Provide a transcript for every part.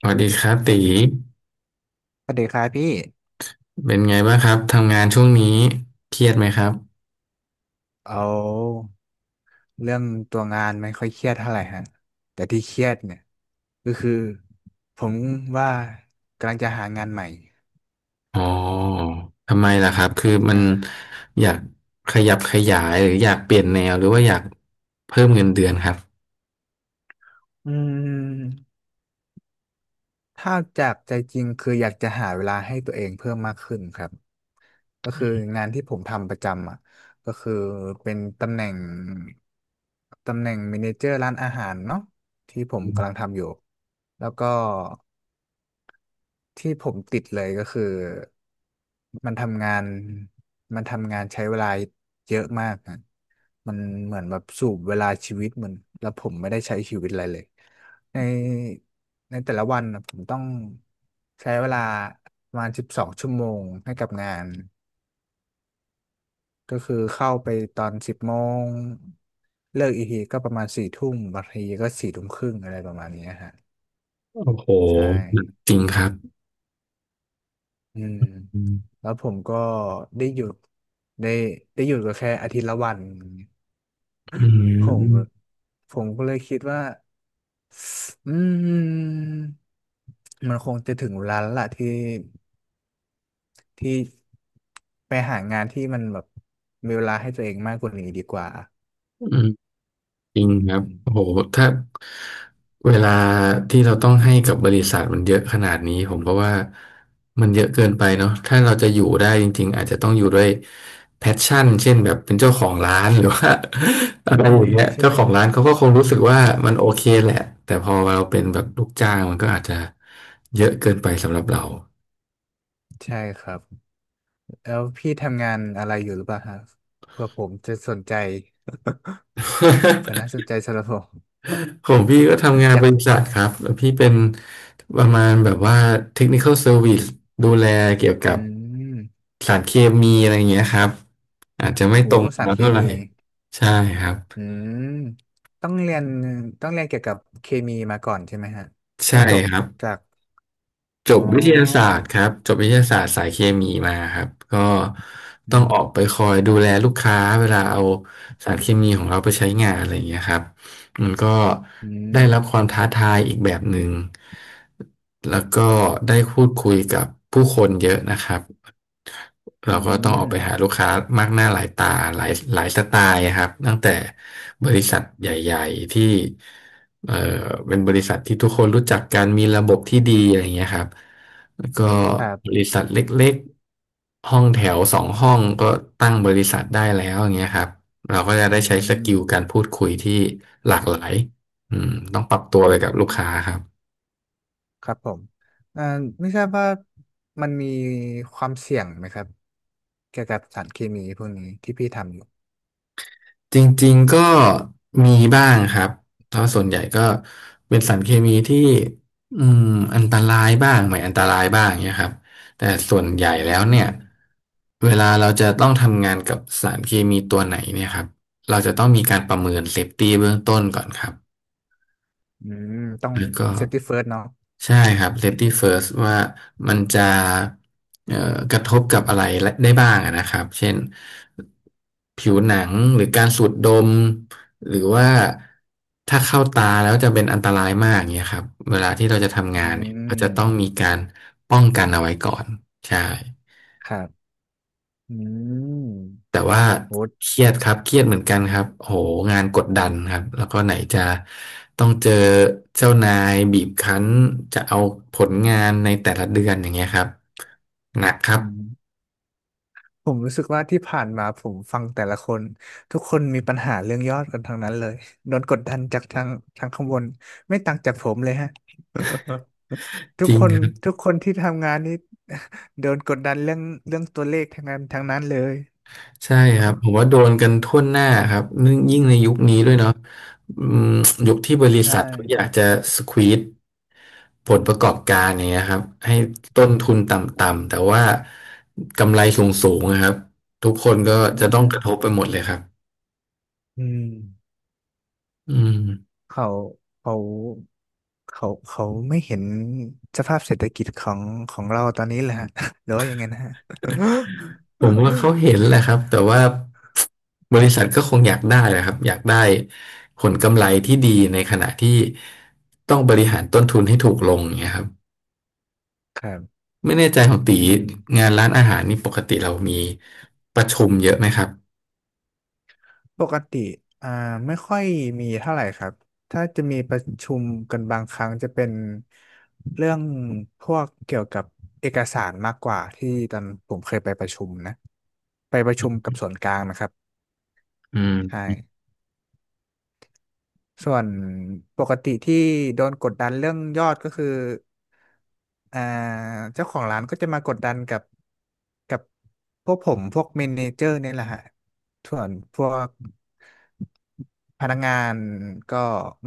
สวัสดีครับตีสวัสดีครับพี่ เป็นไงบ้างครับทำงานช่วงนี้เครียดไหมครับเอาเรื่องตัวงานไม่ค่อยเครียดเท่าไหร่ฮะ แต่ที่เครียดเนี่ยก็คือผมว่ากำลังจะหางานใหม่อ๋อทำไมล่ะครับคือมันนะอยากขยับขยายหรืออยากเปลี่ยนแนวหรือว่าอยากเพิ่มเงินเดือนครับอืมถ้าจากใจจริงคืออยากจะหาเวลาให้ตัวเองเพิ่มมากขึ้นครับ ก็คืองานที่ผมทำประจำอ่ะก็คือเป็นตำแหน่งตำแหน่งเมเนเจอร์ร้านอาหารเนาะที่ผมกำลังทำอยู่แล้วก็ ที่ผมติดเลยก็คือมันทำงานมันทำงานใช้เวลาเยอะมากนะมันเหมือนแบบสูบเวลาชีวิตเหมือนแล้วผมไม่ได้ใช้ชีวิตอะไรเลยในในแต่ละวันนะผมต้องใช้เวลาประมาณ12 ชั่วโมงให้กับงานก็คือเข้าไปตอน10 โมงเลิกอีกทีก็ประมาณสี่ทุ่มบางทีก็4 ทุ่มครึ่งอะไรประมาณเนี้ยฮะโอ้โหใช่ จริงครับอืมอืมแล้วผมก็ได้หยุดได้ได้หยุดก็แค่อาทิตย์ละวันอย่างเงี้ยผมผมก็เลยคิดว่าอืมมันคงจะถึงเวลาแล้วล่ะที่ที่ไปหางานที่มันแบบมีเวลาให้ตัวเองมากกว่านี้ดีกว่าอืม จริงอืครับโอ้มโหถ้าเวลาที่เราต้องให้กับบริษัทมันเยอะขนาดนี้ผมก็ว่ามันเยอะเกินไปเนาะถ้าเราจะอยู่ได้จริงๆอาจจะต้องอยู่ด้วยแพชชั่นเช่นแบบเป็นเจ้าของร้าน หรือว่า อะไรอือมย่างเงี้ยใช่เจ้าไหมของร้านเขาก็คงรู้สึกว่ามันโอเคแหละแต่พอเราเป็นแบบลูกจ้างมันก็อาจจะเยอะเกินไปสำหรับเรา ใช่ครับแล้วพี่ทำงานอะไรอยู่หรือเปล่าครัะเผื่อผมจะสนใจ เผื่อน่า สนใจสำหรับผม ของพี่ก็ทำงา นอยาบกริษัทครับแล้วพี่เป็นประมาณแบบว่า Technical Service ดูแลเกี่ยวกัอืบมสารเคมีอะไรอย่างเงี้ยครับอาจจะไม่โหตรงสาแล้รวเคเท่าไหร่มี ใช่ครับอืมต้องเรียนต้องเรียนเกี่ยวกับเคมีมาก่อนใช่ไหมฮะต้ใช่องจบครับ จากจอ๋บวิทยาศาอสตร์ครับจบวิทยาศาสตร์สายเคมีมาครับก็อืต้องมออกไปคอยดูแลลูกค้าเวลาเอาสารเคมีของเราไปใช้งานอะไรอย่างเงี้ยครับมันก็อืมได้รับความท้าทายอีกแบบหนึ่งแล้วก็ได้พูดคุยกับผู้คนเยอะนะครับอืเราก็ต้องออกไปหามลูกค้ามากหน้าหลายตาหลายหลายสไตล์ครับตั้งแต่บริษัทใหญ่ๆที่ เอ่อเป็นบริษัทที่ทุกคนรู้จักกันมีระบบที่ดีอะไรอย่างเงี้ยครับแล้วก็ครับบริษัทเล็กๆห้องแถวสองห้องก็ตั้งบริษัทได้แล้วอย่างเงี้ยครับเราก็จะอืได้ใช้สมกิลการพูดคุยที่หลากหลายอืมต้องปรับตัวอืไปกับลูกค้ามครับ ครับผมเอ่อไม่ทราบว่ามันมีความเสี่ยงไหมครับ เกี่ยวกับสารเคมีพวกนี้ที่พี่ทำอยู่จริงๆก็มีบ้างครับเพราะส่วนใหญ่ก็เป็นสารเคมีที่อืมอันตรายบ้างไม่อันตรายบ้างเนี่ยครับแต่ส่วนใหญ่อืแล้วเนี่ยมเวลาเราจะต้องทำงานกับสารเคมีตัวไหนเนี่ยครับเราจะต้องมีการประเมินเซฟตี้เบื้องต้นก่อนครับ อืมต้องแล้วก็เซฟตี้เฟิร์สเนาะใช่ครับ safety first ว่ามันจะเอ่อกระทบกับอะไรได้บ้างอะนะครับเช่นผิวหนังหรือการสูดดมหรือว่าถ้าเข้าตาแล้วจะเป็นอันตรายมากเงี้ยครับเวลาที่เราจะทำงาอืนเนี่ยเราจะต้องมีมการป้องกันเอาไว้ก่อนใช่ ครับอืแต่มว่าโหเครียดครับเครียดเหมือนกันครับโหงานกดดันครับแล้วก็ไหนจะต้องเจอเจ้านายบีบคั้นจะเอาผลงานในแต่ละเดือนอย่างเงี้ยครับหนักครัอืบม ผมรู้สึกว่าที่ผ่านมาผมฟังแต่ละคนทุกคนมีปัญหาเรื่องยอดกันทั้งนั้นเลยโดนกดดันจากทางทางข้างบนไม่ต่างจากผมเลยฮะทุจกริงคนครับทุกคนที่ทำงานนี่ โดนกดดันเรื่องเรื่องตัวเลขทั้งนั้นทั้งนั้นเลยใช่ครับผมว่าโดนกันทั่วหน้าครับนึ่งยิ่งในยุคนี้อืด้วยเนาะมอืมยุคที่บริใช่ษัทเขาอยากจะสควีซผลประกอบการอย่างเงี้ยครับให้ต้นทุนต่ำๆแต่ว่ากำไรสูงๆนะครับทุกคนก็อืจะต้องมกระทบไปหมดเลยครับ อืมอืมเขาเขาเขาไม่เห็นสภาพเศรษฐกิจของเราตอนนี้แหละฮะ หรือว่ายังไงนะฮะ ผมว่าเขาเห็นแหละครับ แต่ว่าบริษัทก็คงอยากได้แหละครับอยากได้ผลกำไรที่ดีในขณะที่ต้องบริหารต้นทุนให้ถูกลงอย่างเงี้ยครับ ครับไม่แน่ใจของตีอืม งานร้านอาหารนี่ปกติเรามีประชุมเยอะไหมครับปกติอ่าไม่ค่อยมีเท่าไหร่ครับถ้าจะมีประชุมกันบางครั้งจะเป็นเรื่องพวกเกี่ยวกับเอกสารมากกว่าที่ตอนผมเคยไปประชุมนะไปประชุมกับส่วนกลางนะครับอืใช่ มส่วนปกติที่โดนกดดันเรื่องยอดก็คืออ่าเจ้าของร้านก็จะมากดดันกับพวกผมพวกเมเนเจอร์เนี่ยแหละฮะ ส่วนพวกพนักงานก็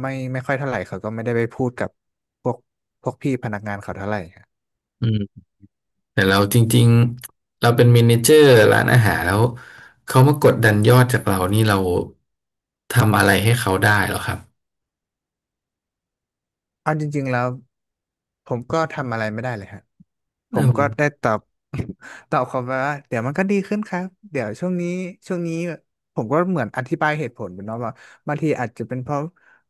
ไม่ค่อยเท่าไหร่เขาก็ไม่ได้ไปพูดกับพวกพวกพี่พนักงานเขาเท่าไหร่ครับอืมแต่เราจริงๆเราเป็นเมเนเจอร์ร้านอาหารแล้วเขามากดดันยอดจากเรานี่เราทำอะไรให้เขาได้หรอครับเอาจริงๆแล้ว ผมก็ทำอะไรไม่ได้เลยฮะผอืมก็ได้มตอบ ตอบเขาไปว่าเดี๋ยวมันก็ดีขึ้นครับ เดี๋ยวช่วงนี้ช่วงนี้ผมก็เหมือนอธิบายเหตุผลไปเนาะว่าบางทีอาจจะเป็นเพราะ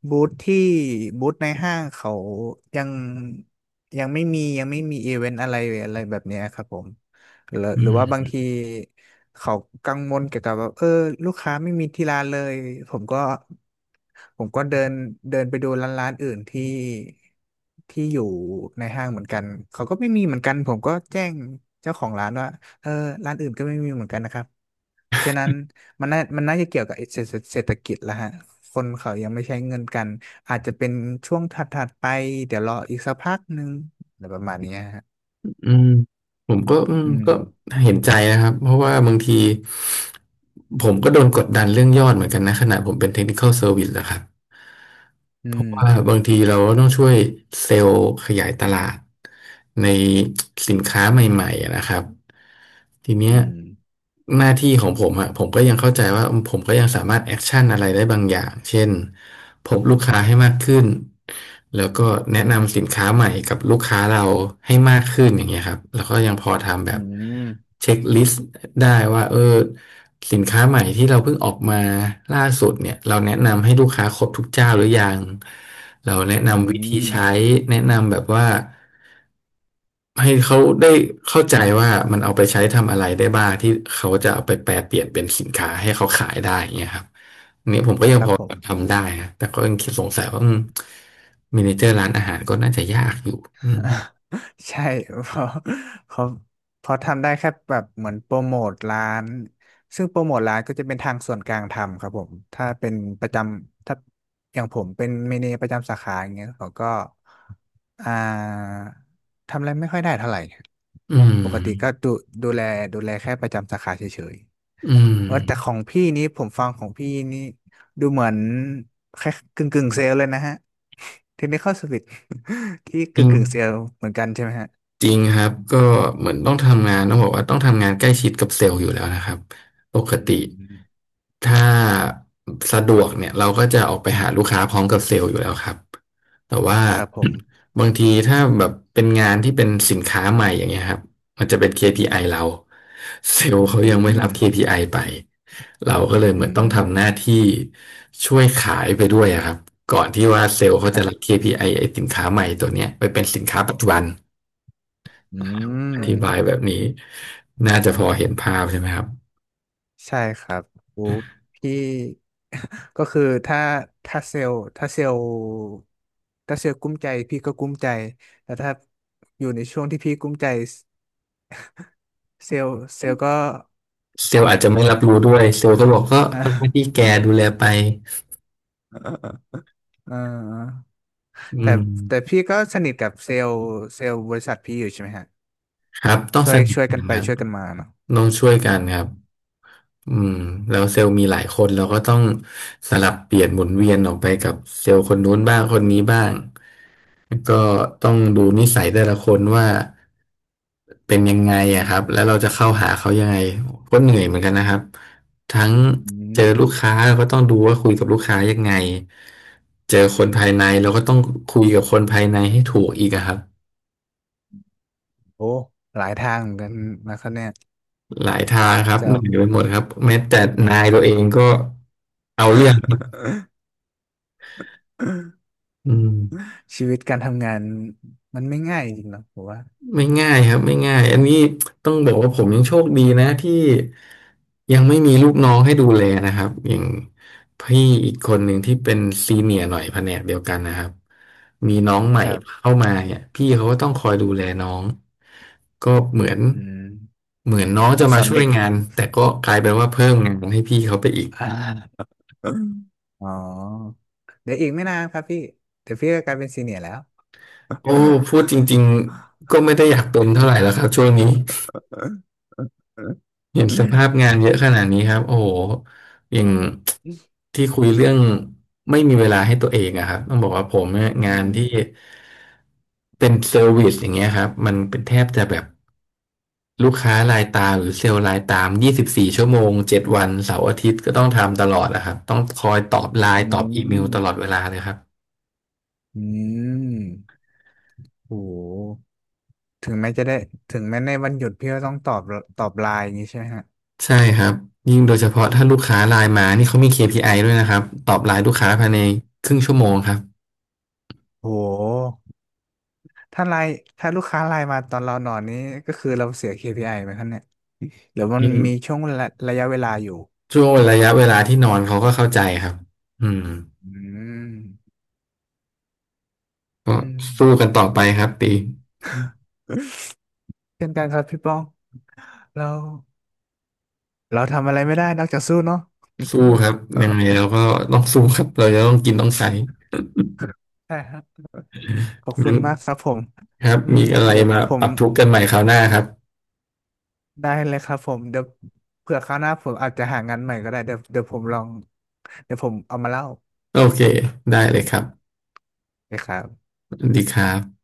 บูธที่บูธในห้างเขายังยังไม่มีอีเวนต์อะไรอะไรแบบเนี้ยครับผม หรืออืหรือม ว่าบางทีเขากังวลเกี่ยวกับว่าเออลูกค้าไม่มีที่ร้านเลยผมก็ผมก็เดินเดินไปดูร้านอื่นที่ที่อยู่ในห้างเหมือนกันเขาก็ไม่มีเหมือนกันผมก็แจ้งเจ้าของร้านว่าเออร้านอื่นก็ไม่มีเหมือนกันนะครับเพราะฉะนั้นมันน่าจะเกี่ยวกับเศรษฐกิจแล้วฮะคนเขายังไม่ใช้เงินกันอาจจะเป็นช่วงถัดๆไปเดี๋ยวรออีกสักพักหนึ่งอะไรประมาณเนี้ยฮะอืมผมก็อืมก็เห็นใจนะครับเพราะว่าบางทีผมก็โดนกดดันเรื่องยอดเหมือนกันนะขณะผมเป็น Technical Service นะครับอืเพราะมว่าบางทีเราก็ต้องช่วยเซลล์ขยายตลาดในสินค้าใหม่ๆนะครับ ทีเนี้อืยม หน้าที่ของผมอะผมก็ยังเข้าใจว่าผมก็ยังสามารถแอคชั่นอะไรได้บางอย่างเช่นพบลูกค้าให้มากขึ้นแล้วก็แนะนำสินค้าใหม่กับลูกค้าเราให้มากขึ้นอย่างเงี้ยครับแล้วก็ยังพอทำแบอืบมเช็คลิสต์ได้ว่าเออสินค้าใหม่ที่เราเพิ่งออกมาล่าสุดเนี่ยเราแนะนำให้ลูกค้าครบทุกเจ้าหรือยังเราแนะอืนำวิธีมใช้แนะนำแบบว่า ให้เขาได้เข้าใจว่ามันเอาไปใช้ทำอะไรได้บ้างที่เขาจะเอาไปแปลเปลี่ยนเป็นสินค้าให้เขาขายได้อย่างเงี้ยครับอันนี้ผมก็ยังครัพบอผม ทำได้นะแต่ก็ยังคิดสงสัยว่ามเมเนเจอร์ร้านอาหารก็น่าจะยากอยู่อืม ใช่เพราะเพราะเพราะทำได้แค่แบบเหมือนโปรโมทร้านซึ่งโปรโมทร้านก็จะเป็นทางส่วนกลางทำครับผมถ้าเป็นประจำถ้าอย่างผมเป็นเมเนประจำสาขาอย่างเงี้ยเขาก็อ่าทำอะไรไม่ค่อยได้เท่าไหร่อืมปกติก็ดูแลดูแลแค่ประจำสาขาเฉยอืมๆว่าแต่ของพี่นี้ผมฟังของพี่นี่ดูเหมือนแค่กึ่งกึ่งเซลล์เลยนะฮะ Technical Service ที่จริกึ่งง กึ่งเซแอลเหมือนกันใช่ไหมฮะจริงครับก็เหมือนต้องทำงานต้องบอกว่าต้องทำงานใกล้ชิดกับเซลล์อยู่แล้วนะครับปกอืติมถ้าสะดวกเนี่ยเราก็จะออกไปหาลูกค้าพร้อมกับเซลล์อยู่แล้วครับแต่ว่า ครับผม บางทีถ้าแบบเป็นงานที่เป็นสินค้าใหม่อย่างเงี้ยครับมันจะเป็น KPI เราเซลล์เขาอืยังไม่รับ ม KPI ไอไปเราก็เลยอืเหมือนต้องมทำหน้าที่ช่วยขายไปด้วยอะครับก่อนที่ว่าเซลล์คเขาจะรัรับ บ KPI ไอ้สินค้าใหม่ตัวเนี้ยไปเป็นสินค้าปัจจุบัน อืมอธิบายแบบนี้น่าจะพอเห็นภาพใช่ไหมครับใช่ครับโอ้พี่ ก็คือถ้าเซลล์ถ้าเซลล์ถ้าเซลล์กุ้มใจพี่ก็กุ้มใจแต่ถ้าอยู่ในช่วงที่พี่กุ้มใจเซลล์ก็ เซลล์อาจจะไม่รับรู้ด้วยเซลล์ก็บอกก็ อ่าเป็นหน้าที่แกดูแลไปอ่าอืแต่มแต่พี่ก็สนิทกับเซลล์เซลล์บริษัทพี่อยู่ใช่ไหมฮะ ครับต้องช่วสยนิทช่วยกักันนไปครับช่วยกันมาเนาะต้องช่วยอืกันมครับ อืมแล้วเซลล์มีหลายคนเราก็ต้องสลับเปลี่ยนหมุนเวียนออกไปกับเซลล์คนนู้นบ้างคนนี้บ้างแล้วก็ต้องดูนิสัยแต่ละคนว่าเป็นยังไงอะครับแล้วเราจะเข้าหาเขายังไงก็เหนื่อยเหมือนกันนะครับทั้งอืเจอลูกมค้าเราก็ต้องดูว่าคุยกับลูกค้ายังไงเจอคนภายในเราก็ต้องคุยกับคนภายในให้ถูกอีกอะครับโอ้ หลายทางเหมือนกันนะครับเนี่ยหลายทางครับเหเจ้า นื่อยไปหมดครับแม้แต่นายตัวเองก็เอาเรื่องอืม ชีวิตการทำงานมันไม่ง่ายจริงๆหรอกผมว่า ไม่ง่ายครับไม่ง่ายอันนี้ต้องบอกว่าผมยังโชคดีนะที่ยังไม่มีลูกน้องให้ดูแลนะครับอย่างพี่อีกคนหนึ่งที่เป็นซีเนียร์หน่อยแผนกเดียวกันนะครับมีน้องใหม่ครับ เข้ามาเนี่ยพี่เขาก็ต้องคอยดูแลน้องก็เหมือนอืมเหมือนน้องแบจะบสมาอนช่วเด็ยก งานแต่ก็กลายเป็นว่าเพิ่มงานให้พี่เขาไปอีก อ่าอ๋อ เดี๋ยวอีกไม่นานครับพี่เดี๋ยวพี่ก็กลายเป็นซีเนียร์แล้ว โอ้พูดจริงๆก็ไม่ได้อยากเป็นเท่าไหร่แล้วครับช่วงนี้ เห็นส ภาพงานเยอะขนาดนี้ครับโอ้โหอย่างที่คุยเรื่องไม่มีเวลาให้ตัวเองอะครับต้องบอกว่าผมเนี่ยงาอืนที่มเป็นเซอร์วิสอย่างเงี้ยครับมันเป็นแทบจะแบบลูกค้ารายตามหรือเซลล์รายตาม24 ชั่วโมง7 วันเสาร์อาทิตย์ก็ต้องทำตลอดอะครับต้องคอยตอบไลอืน์ตอบอีเมลตลอดมเวลาเลยครับอืมโห ถึงแม้จะได้ถึงแม้ในวันหยุดพี่ก็ต้องตอบไลน์อย่างนี้ใช่ไหมฮะใช่ครับยิ่งโดยเฉพาะถ้าลูกค้าไลน์มานี่เขามี KPI ด้วยนะครับตอบไลน์ลูกค้าภายในครึ่งชั่วโมงครับโหถ้าไลน์ถ้าลูกค้าไลน์มาตอนเรานอนนี้ก็คือเราเสีย KPI ไอไหมครับเนี่ยหรือมัอืนมีม ช่วงระยะเวลาอยู่ช่วงระยะเวลาที่นอนเขาก็เข้าใจครับอืมอืมก็อืมสู้กันต่อไปครับตีเช่นกันครับพี่ป้องเราเราทำอะไรไม่ได้นอกจากสู้เนาะสู้ครับยังไงเราก็ต้องสู้ครับเราจะต้องกินต้องใช้ใช่ครับขอบคุงั้ณนมากครับผมครับอืมมีอะไรเดี๋ยวมาผปมรับทุกข์กันใหม่คราวหน้าครับได้เลยครับผมเดี๋ยวเผื่อคราวหน้าผมอาจจะหางานใหม่ก็ได้เดี๋ยวผมลองเดี๋ยวผมเอามาเล่า โอเคได้เลยครับนะครับสวัสดีครับ